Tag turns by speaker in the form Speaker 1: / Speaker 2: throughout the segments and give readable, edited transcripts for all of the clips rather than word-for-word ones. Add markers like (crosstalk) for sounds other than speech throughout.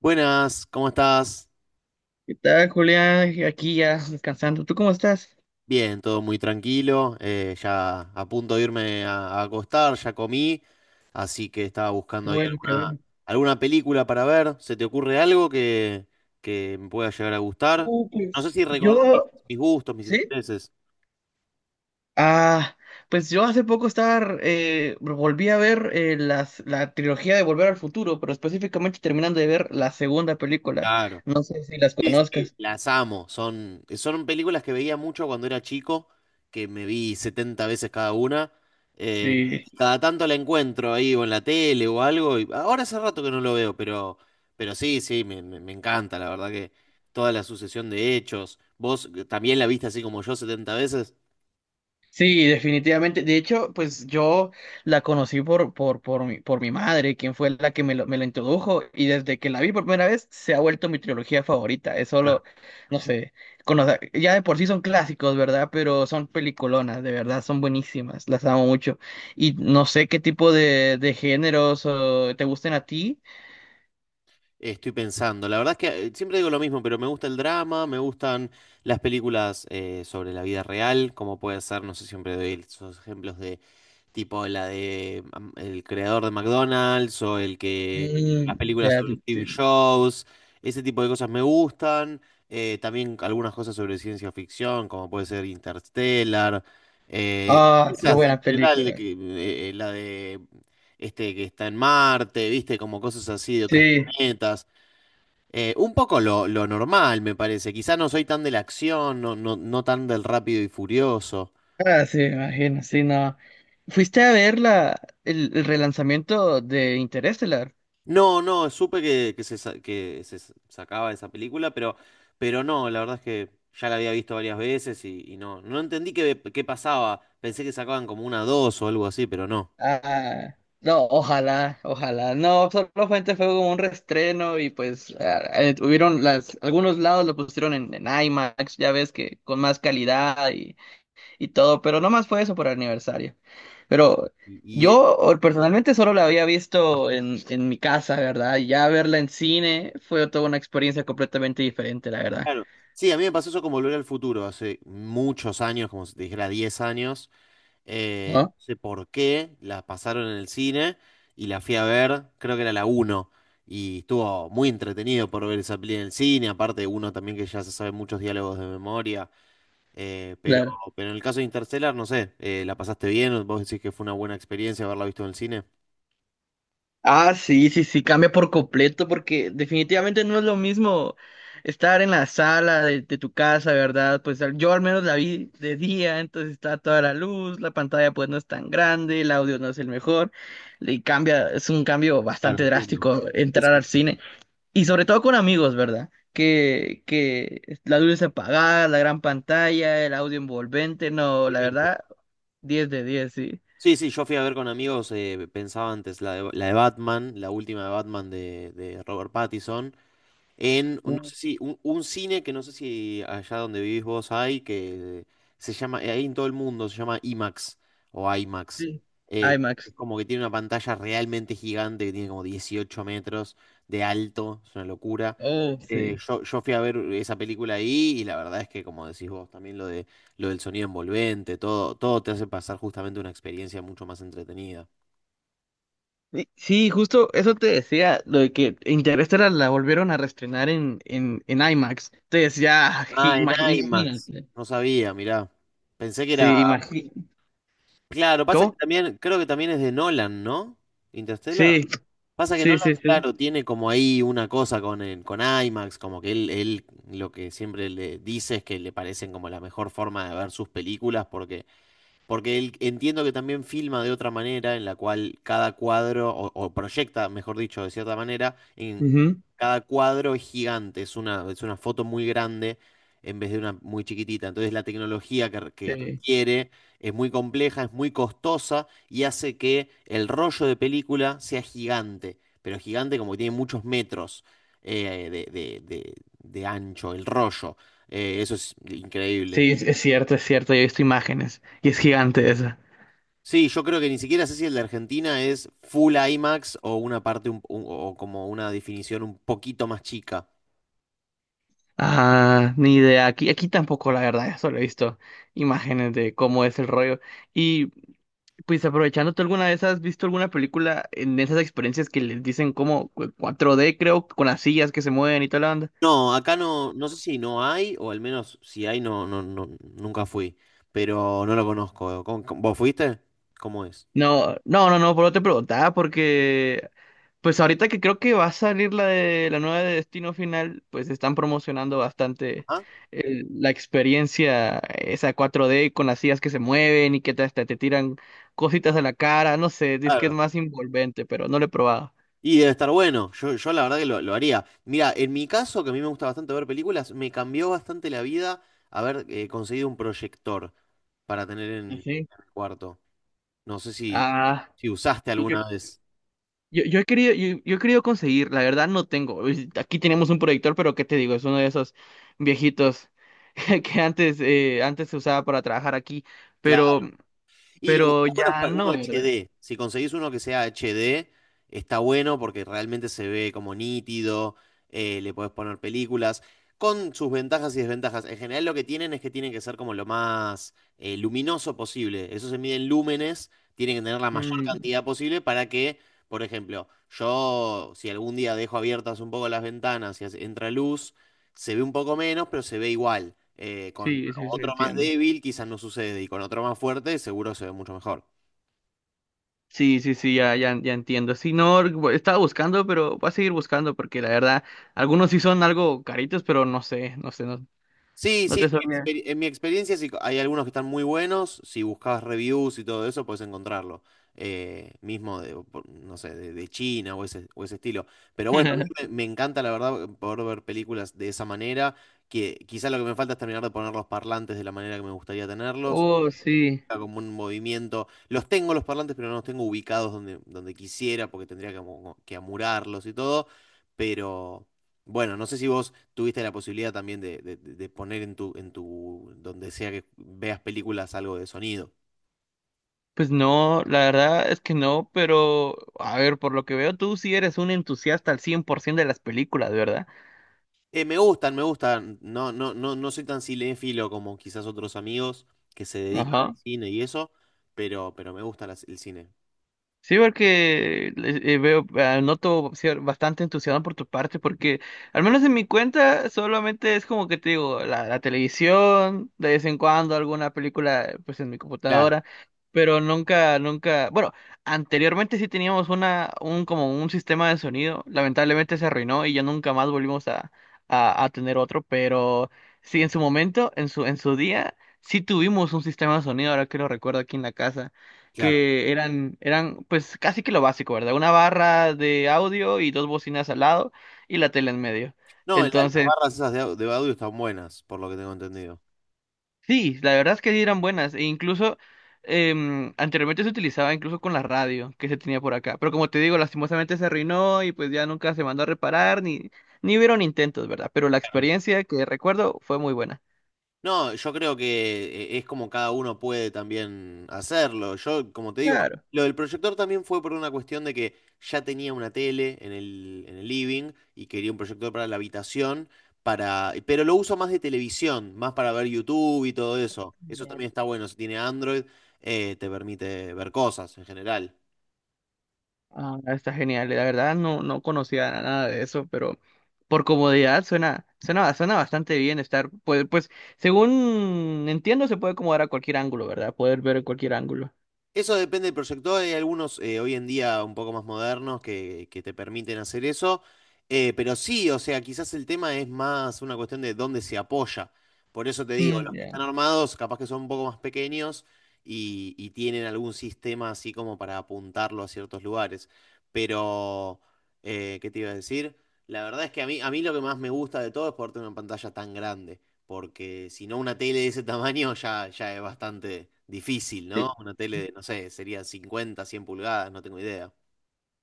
Speaker 1: Buenas, ¿cómo estás?
Speaker 2: ¿Qué tal, Julián? Aquí ya descansando. ¿Tú cómo estás?
Speaker 1: Bien, todo muy tranquilo. Ya a punto de irme a acostar, ya comí, así que estaba
Speaker 2: Qué
Speaker 1: buscando ahí
Speaker 2: bueno, qué bueno.
Speaker 1: alguna película para ver. ¿Se te ocurre algo que me pueda llegar a gustar?
Speaker 2: Uh,
Speaker 1: No sé
Speaker 2: pues
Speaker 1: si recordás
Speaker 2: yo,
Speaker 1: mis gustos, mis
Speaker 2: ¿Sí?
Speaker 1: intereses.
Speaker 2: Ah, pues yo hace poco estaba, volví a ver las, la trilogía de Volver al Futuro, pero específicamente terminando de ver la segunda película.
Speaker 1: Claro.
Speaker 2: No sé si las
Speaker 1: Sí, sí,
Speaker 2: conozcas.
Speaker 1: las amo. Son películas que veía mucho cuando era chico, que me vi 70 veces cada una. Eh,
Speaker 2: Sí.
Speaker 1: Cada tanto la encuentro ahí o en la tele o algo, y ahora hace rato que no lo veo, pero sí, sí, me encanta, la verdad que toda la sucesión de hechos. ¿Vos también la viste así como yo 70 veces?
Speaker 2: Sí, definitivamente. De hecho, pues yo la conocí por mi madre, quien fue la que me lo introdujo, y desde que la vi por primera vez se ha vuelto mi trilogía favorita. Es
Speaker 1: Ah.
Speaker 2: solo, no sé, conocer- ya de por sí son clásicos, ¿verdad? Pero son peliculonas, de verdad, son buenísimas, las amo mucho. Y no sé qué tipo de géneros o, te gusten a ti.
Speaker 1: Estoy pensando. La verdad es que siempre digo lo mismo, pero me gusta el drama, me gustan las películas sobre la vida real, como puede ser, no sé, siempre doy esos ejemplos de tipo la de el creador de McDonald's o el que
Speaker 2: Mm,
Speaker 1: las películas
Speaker 2: ya te
Speaker 1: sobre TV
Speaker 2: entiendo.
Speaker 1: shows, ese tipo de cosas me gustan. También algunas cosas sobre ciencia ficción, como puede ser Interstellar. eh,
Speaker 2: Ah, qué
Speaker 1: Esas en
Speaker 2: buena
Speaker 1: general, de
Speaker 2: película.
Speaker 1: que la de este que está en Marte, viste, como cosas así de otros
Speaker 2: Sí.
Speaker 1: planetas. Un poco lo normal, me parece. Quizá no soy tan de la acción, no, no, no tan del rápido y furioso.
Speaker 2: Ah, sí, me imagino, sí, no. ¿Fuiste a ver la, el relanzamiento de Interestelar?
Speaker 1: No, no, supe que sacaba esa película, pero no, la verdad es que ya la había visto varias veces y no, no entendí qué pasaba. Pensé que sacaban como una dos o algo así, pero no.
Speaker 2: Ah, no, ojalá, ojalá. No, solamente fue como un reestreno y pues ah, tuvieron las, algunos lados lo pusieron en IMAX, ya ves que con más calidad y todo, pero nomás fue eso por aniversario. Pero
Speaker 1: Es
Speaker 2: yo o- personalmente solo la había visto en mi casa, ¿verdad? Y ya verla en cine fue toda una experiencia completamente diferente, la verdad.
Speaker 1: claro. Sí, a mí me pasó eso con Volver al Futuro, hace muchos años, como si te dijera 10 años.
Speaker 2: ¿No?
Speaker 1: No sé por qué, la pasaron en el cine y la fui a ver, creo que era la uno. Y estuvo muy entretenido por ver esa peli en el cine, aparte uno también que ya se sabe muchos diálogos de memoria. Eh, pero,
Speaker 2: Claro.
Speaker 1: pero en el caso de Interstellar, no sé, ¿la pasaste bien? ¿Vos decís que fue una buena experiencia haberla visto en el cine?
Speaker 2: Ah, sí, sí, sí, cambia por completo porque definitivamente no es lo mismo estar en la sala de tu casa, ¿verdad? Pues al- yo al menos la vi de día, entonces está toda la luz, la pantalla pues no es tan grande, el audio no es el mejor, y cambia, es un cambio
Speaker 1: Claro,
Speaker 2: bastante
Speaker 1: entiendo.
Speaker 2: drástico
Speaker 1: Sí,
Speaker 2: entrar
Speaker 1: sí,
Speaker 2: al
Speaker 1: sí,
Speaker 2: cine y sobre todo con amigos, ¿verdad? Que la luz es apagada, la gran pantalla, el audio envolvente, no, la
Speaker 1: totalmente.
Speaker 2: verdad, diez de 10 sí.
Speaker 1: Sí, sí, yo fui a ver con amigos, pensaba antes la la de Batman, la última de Batman de Robert Pattinson, en, no
Speaker 2: Uh,
Speaker 1: sé si, un cine que no sé si allá donde vivís vos hay, que se llama, ahí en todo el mundo, se llama IMAX o IMAX.
Speaker 2: sí.
Speaker 1: Eh,
Speaker 2: IMAX.
Speaker 1: es como que tiene una pantalla realmente gigante, que tiene como 18 metros de alto, es una locura.
Speaker 2: Oh, sí.
Speaker 1: Yo fui a ver esa película ahí y la verdad es que, como decís vos, también lo del sonido envolvente, todo, todo te hace pasar justamente una experiencia mucho más entretenida.
Speaker 2: Y- sí, justo eso te decía, lo de que Interestelar la volvieron a reestrenar en IMAX. Entonces ya, (laughs)
Speaker 1: Ah, en
Speaker 2: "Ima-
Speaker 1: IMAX,
Speaker 2: imagínate.
Speaker 1: no sabía, mirá. Pensé que era...
Speaker 2: Sí, imagínate.
Speaker 1: Claro, pasa que
Speaker 2: ¿Cómo?
Speaker 1: también, creo que también es de Nolan, ¿no? Interstellar.
Speaker 2: Sí,
Speaker 1: Pasa que
Speaker 2: sí,
Speaker 1: Nolan,
Speaker 2: sí, sí.
Speaker 1: claro, tiene como ahí una cosa con con IMAX, como que él lo que siempre le dice es que le parecen como la mejor forma de ver sus películas, porque él, entiendo que también filma de otra manera, en la cual cada cuadro, o proyecta, mejor dicho, de cierta manera, en
Speaker 2: Ujú.
Speaker 1: cada cuadro es gigante, es es una foto muy grande en vez de una muy chiquitita. Entonces la tecnología que
Speaker 2: Sí,
Speaker 1: requiere es muy compleja, es muy costosa y hace que el rollo de película sea gigante, pero gigante como que tiene muchos metros eh, de, de- de- de ancho, el rollo. Eso es increíble.
Speaker 2: sí, es cierto, yo he visto imágenes y es gigante esa.
Speaker 1: Sí, yo creo que ni siquiera sé si el de Argentina es full IMAX o una parte o como una definición un poquito más chica.
Speaker 2: Ah, ni idea, aquí, aquí tampoco la verdad, solo he visto imágenes de cómo es el rollo. Y pues aprovechando, ¿tú alguna vez has visto alguna película en esas experiencias que les dicen como cu- 4D, creo, con las sillas que se mueven y toda la banda?
Speaker 1: No, acá no, no sé si no hay, o al menos si hay, no, no, no, nunca fui, pero no lo conozco. ¿Vos fuiste? ¿Cómo es?
Speaker 2: No, no, no, no, por eso te preguntaba, porque pues ahorita que creo que va a salir la de la nueva de Destino Final, pues están promocionando bastante
Speaker 1: Ah,
Speaker 2: el- la experiencia esa 4D con las sillas que se mueven y que te- hasta te tiran cositas a la cara, no sé, dice que es
Speaker 1: claro.
Speaker 2: más envolvente, pero no lo he probado.
Speaker 1: Y debe estar bueno. Yo la verdad que lo haría. Mira, en mi caso, que a mí me gusta bastante ver películas, me cambió bastante la vida haber conseguido un proyector para tener
Speaker 2: ¿Ah, ¿sí?
Speaker 1: en el cuarto. No sé si,
Speaker 2: Ah.
Speaker 1: si usaste
Speaker 2: yo,
Speaker 1: alguna vez.
Speaker 2: Yo, yo he querido, yo he querido conseguir, la verdad no tengo. Es- aquí tenemos un proyector, pero ¿qué te digo? Es uno de esos viejitos (laughs) que antes, antes se usaba para trabajar aquí, pero,
Speaker 1: Y lo que
Speaker 2: pero
Speaker 1: está bueno es
Speaker 2: ya
Speaker 1: para uno
Speaker 2: no, ¿verdad?
Speaker 1: HD. Si conseguís uno que sea HD, está bueno porque realmente se ve como nítido, le podés poner películas, con sus ventajas y desventajas. En general lo que tienen es que tienen que ser como lo más luminoso posible. Eso se mide en lúmenes, tienen que tener la mayor
Speaker 2: Mm,
Speaker 1: cantidad posible para que, por ejemplo, yo si algún día dejo abiertas un poco las ventanas y hace- entra luz, se ve un poco menos, pero se ve igual. Con
Speaker 2: sí, sí, sí,
Speaker 1: otro más
Speaker 2: entiendo.
Speaker 1: débil quizás no sucede y con otro más fuerte seguro se ve mucho mejor.
Speaker 2: Sí, sí, sí, ya, ya, ya entiendo. Sí, no, bu- estaba buscando, pero voy a seguir buscando porque la verdad, algunos sí son algo caritos, pero no sé, no sé, no,
Speaker 1: Sí,
Speaker 2: no
Speaker 1: sí, en
Speaker 2: te sabría.
Speaker 1: mi experiencia sí, hay algunos que están muy buenos. Si buscabas reviews y todo eso, puedes encontrarlo. Mismo de, o por- no sé, de China o ese estilo. Pero bueno, a mí
Speaker 2: (laughs)
Speaker 1: me encanta la verdad poder ver películas de esa manera. Que quizás lo que me falta es terminar de poner los parlantes de la manera que me gustaría tenerlos.
Speaker 2: Oh, sí.
Speaker 1: Implica como un movimiento. Los tengo los parlantes, pero no los tengo ubicados donde, donde quisiera, porque tendría que amurarlos y todo. Pero bueno, no sé si vos tuviste la posibilidad también de poner en tu, donde sea que veas películas algo de sonido.
Speaker 2: Pues no, la verdad es que no, pero a ver, por lo que veo, tú sí eres un entusiasta al 100% de las películas, ¿verdad?
Speaker 1: Me gustan, me gustan. No, no, no, no soy tan cinéfilo como quizás otros amigos que se dedican al
Speaker 2: Ajá.
Speaker 1: cine y eso, pero me gusta el cine.
Speaker 2: Sí, porque veo, ah, noto cier- bastante entusiasmo por tu parte, porque al menos en mi cuenta solamente es como que te digo, la televisión, de vez en cuando alguna película pues en mi
Speaker 1: Claro,
Speaker 2: computadora, pero nunca, nunca, bueno, anteriormente sí teníamos una, un como un sistema de sonido, lamentablemente se arruinó y ya nunca más volvimos a tener otro, pero sí en su momento, en su día, sí tuvimos un sistema de sonido, ahora que lo recuerdo aquí en la casa
Speaker 1: claro.
Speaker 2: que eran, eran pues casi que lo básico, ¿verdad? Una barra de audio y dos bocinas al lado y la tele en medio.
Speaker 1: No, las
Speaker 2: Entonces,
Speaker 1: barras esas de audio están buenas, por lo que tengo entendido.
Speaker 2: sí, la verdad es que sí eran buenas. E incluso anteriormente se utilizaba incluso con la radio que se tenía por acá. Pero como te digo, lastimosamente se arruinó y pues ya nunca se mandó a reparar ni, ni hubieron intentos, ¿verdad? Pero la experiencia que recuerdo fue muy buena.
Speaker 1: No, yo creo que es como cada uno puede también hacerlo. Yo, como te digo,
Speaker 2: Claro.
Speaker 1: lo del proyector también fue por una cuestión de que ya tenía una tele en en el living y quería un proyector para la habitación, para, pero lo uso más de televisión, más para ver YouTube y todo eso. Eso también está bueno. Si tiene Android, te permite ver cosas en general.
Speaker 2: Ah, está genial. La verdad no, no conocía nada de eso, pero por comodidad suena, suena, suena bastante bien estar, pues, pues, según entiendo, se puede acomodar a cualquier ángulo, ¿verdad? Poder ver en cualquier ángulo.
Speaker 1: Eso depende del proyector. Hay algunos hoy en día un poco más modernos que te permiten hacer eso. Pero sí, o sea, quizás el tema es más una cuestión de dónde se apoya. Por eso te digo,
Speaker 2: Mm,
Speaker 1: los que
Speaker 2: ya.
Speaker 1: están armados capaz que son un poco más pequeños y tienen algún sistema así como para apuntarlo a ciertos lugares. Pero, ¿Qué te iba a decir? La verdad es que a mí lo que más me gusta de todo es poder tener una pantalla tan grande porque si no una tele de ese tamaño ya, ya es bastante difícil,
Speaker 2: Sí.
Speaker 1: ¿no? Una tele de, no sé, sería 50, 100 pulgadas, no tengo idea.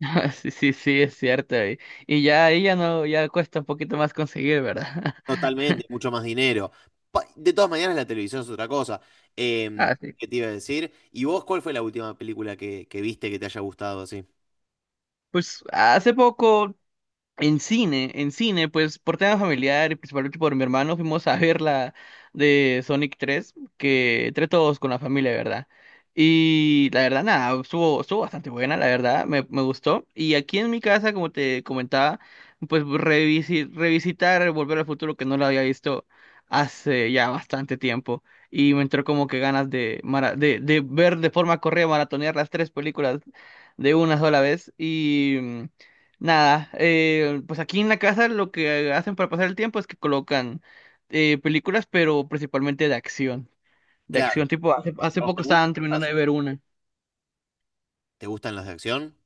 Speaker 2: (laughs) Sí, sí, sí, es cierto. Y ya ahí ya no, ya cuesta un poquito más conseguir, ¿verdad? (laughs)
Speaker 1: Totalmente, mucho más dinero. Pa- De todas maneras, la televisión es otra cosa. Em,
Speaker 2: Ah, sí.
Speaker 1: ¿Qué te iba a decir? ¿Y vos cuál fue la última película que viste que te haya gustado así?
Speaker 2: Pues hace poco en cine, en cine, pues por tema familiar y principalmente por mi hermano fuimos a ver la de Sonic tres que entre todos con la familia, ¿verdad? Y la verdad, nada, estuvo, estuvo bastante buena, la verdad, me gustó. Y aquí en mi casa, como te comentaba, pues revisi- revisitar Volver al Futuro, que no lo había visto hace ya bastante tiempo. Y me entró como que ganas de, mara- de ver de forma correa, maratonear las tres películas de una sola vez. Nada, pues aquí en la casa lo que hacen para pasar el tiempo es que colocan películas, pero principalmente de acción. De acción,
Speaker 1: Claro.
Speaker 2: tipo, hace, hace
Speaker 1: ¿A vos te
Speaker 2: poco estaban terminando
Speaker 1: gustas?
Speaker 2: de ver una.
Speaker 1: ¿Te gustan las de acción?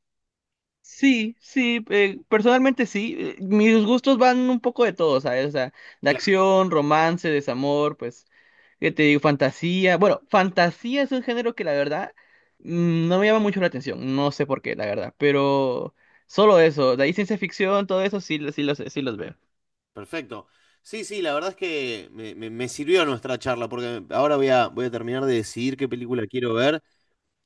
Speaker 2: Sí, sí, personalmente sí. Mis gustos van un poco de todo, ¿sabes? O sea, de
Speaker 1: Claro.
Speaker 2: acción, romance, desamor, pues, ¿qué te digo? Fantasía. Bueno, fantasía es un género que la verdad mm, no me llama mucho la atención. No sé por qué, la verdad. Pero solo eso, de ahí ciencia ficción, todo eso sí, lo- sí los veo.
Speaker 1: Perfecto. Sí, sí, la verdad es que me sirvió nuestra charla porque ahora voy voy a terminar de decidir qué película quiero ver.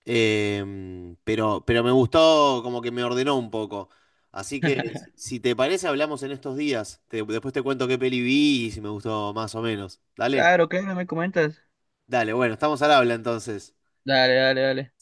Speaker 1: Pero me gustó, como que me ordenó un poco. Así que, si si te parece, hablamos en estos días. Te- después te cuento qué peli vi y si me gustó más o menos. Dale,
Speaker 2: Claro, claro, me comentas.
Speaker 1: dale, bueno, estamos al habla entonces.
Speaker 2: Dale, dale, dale.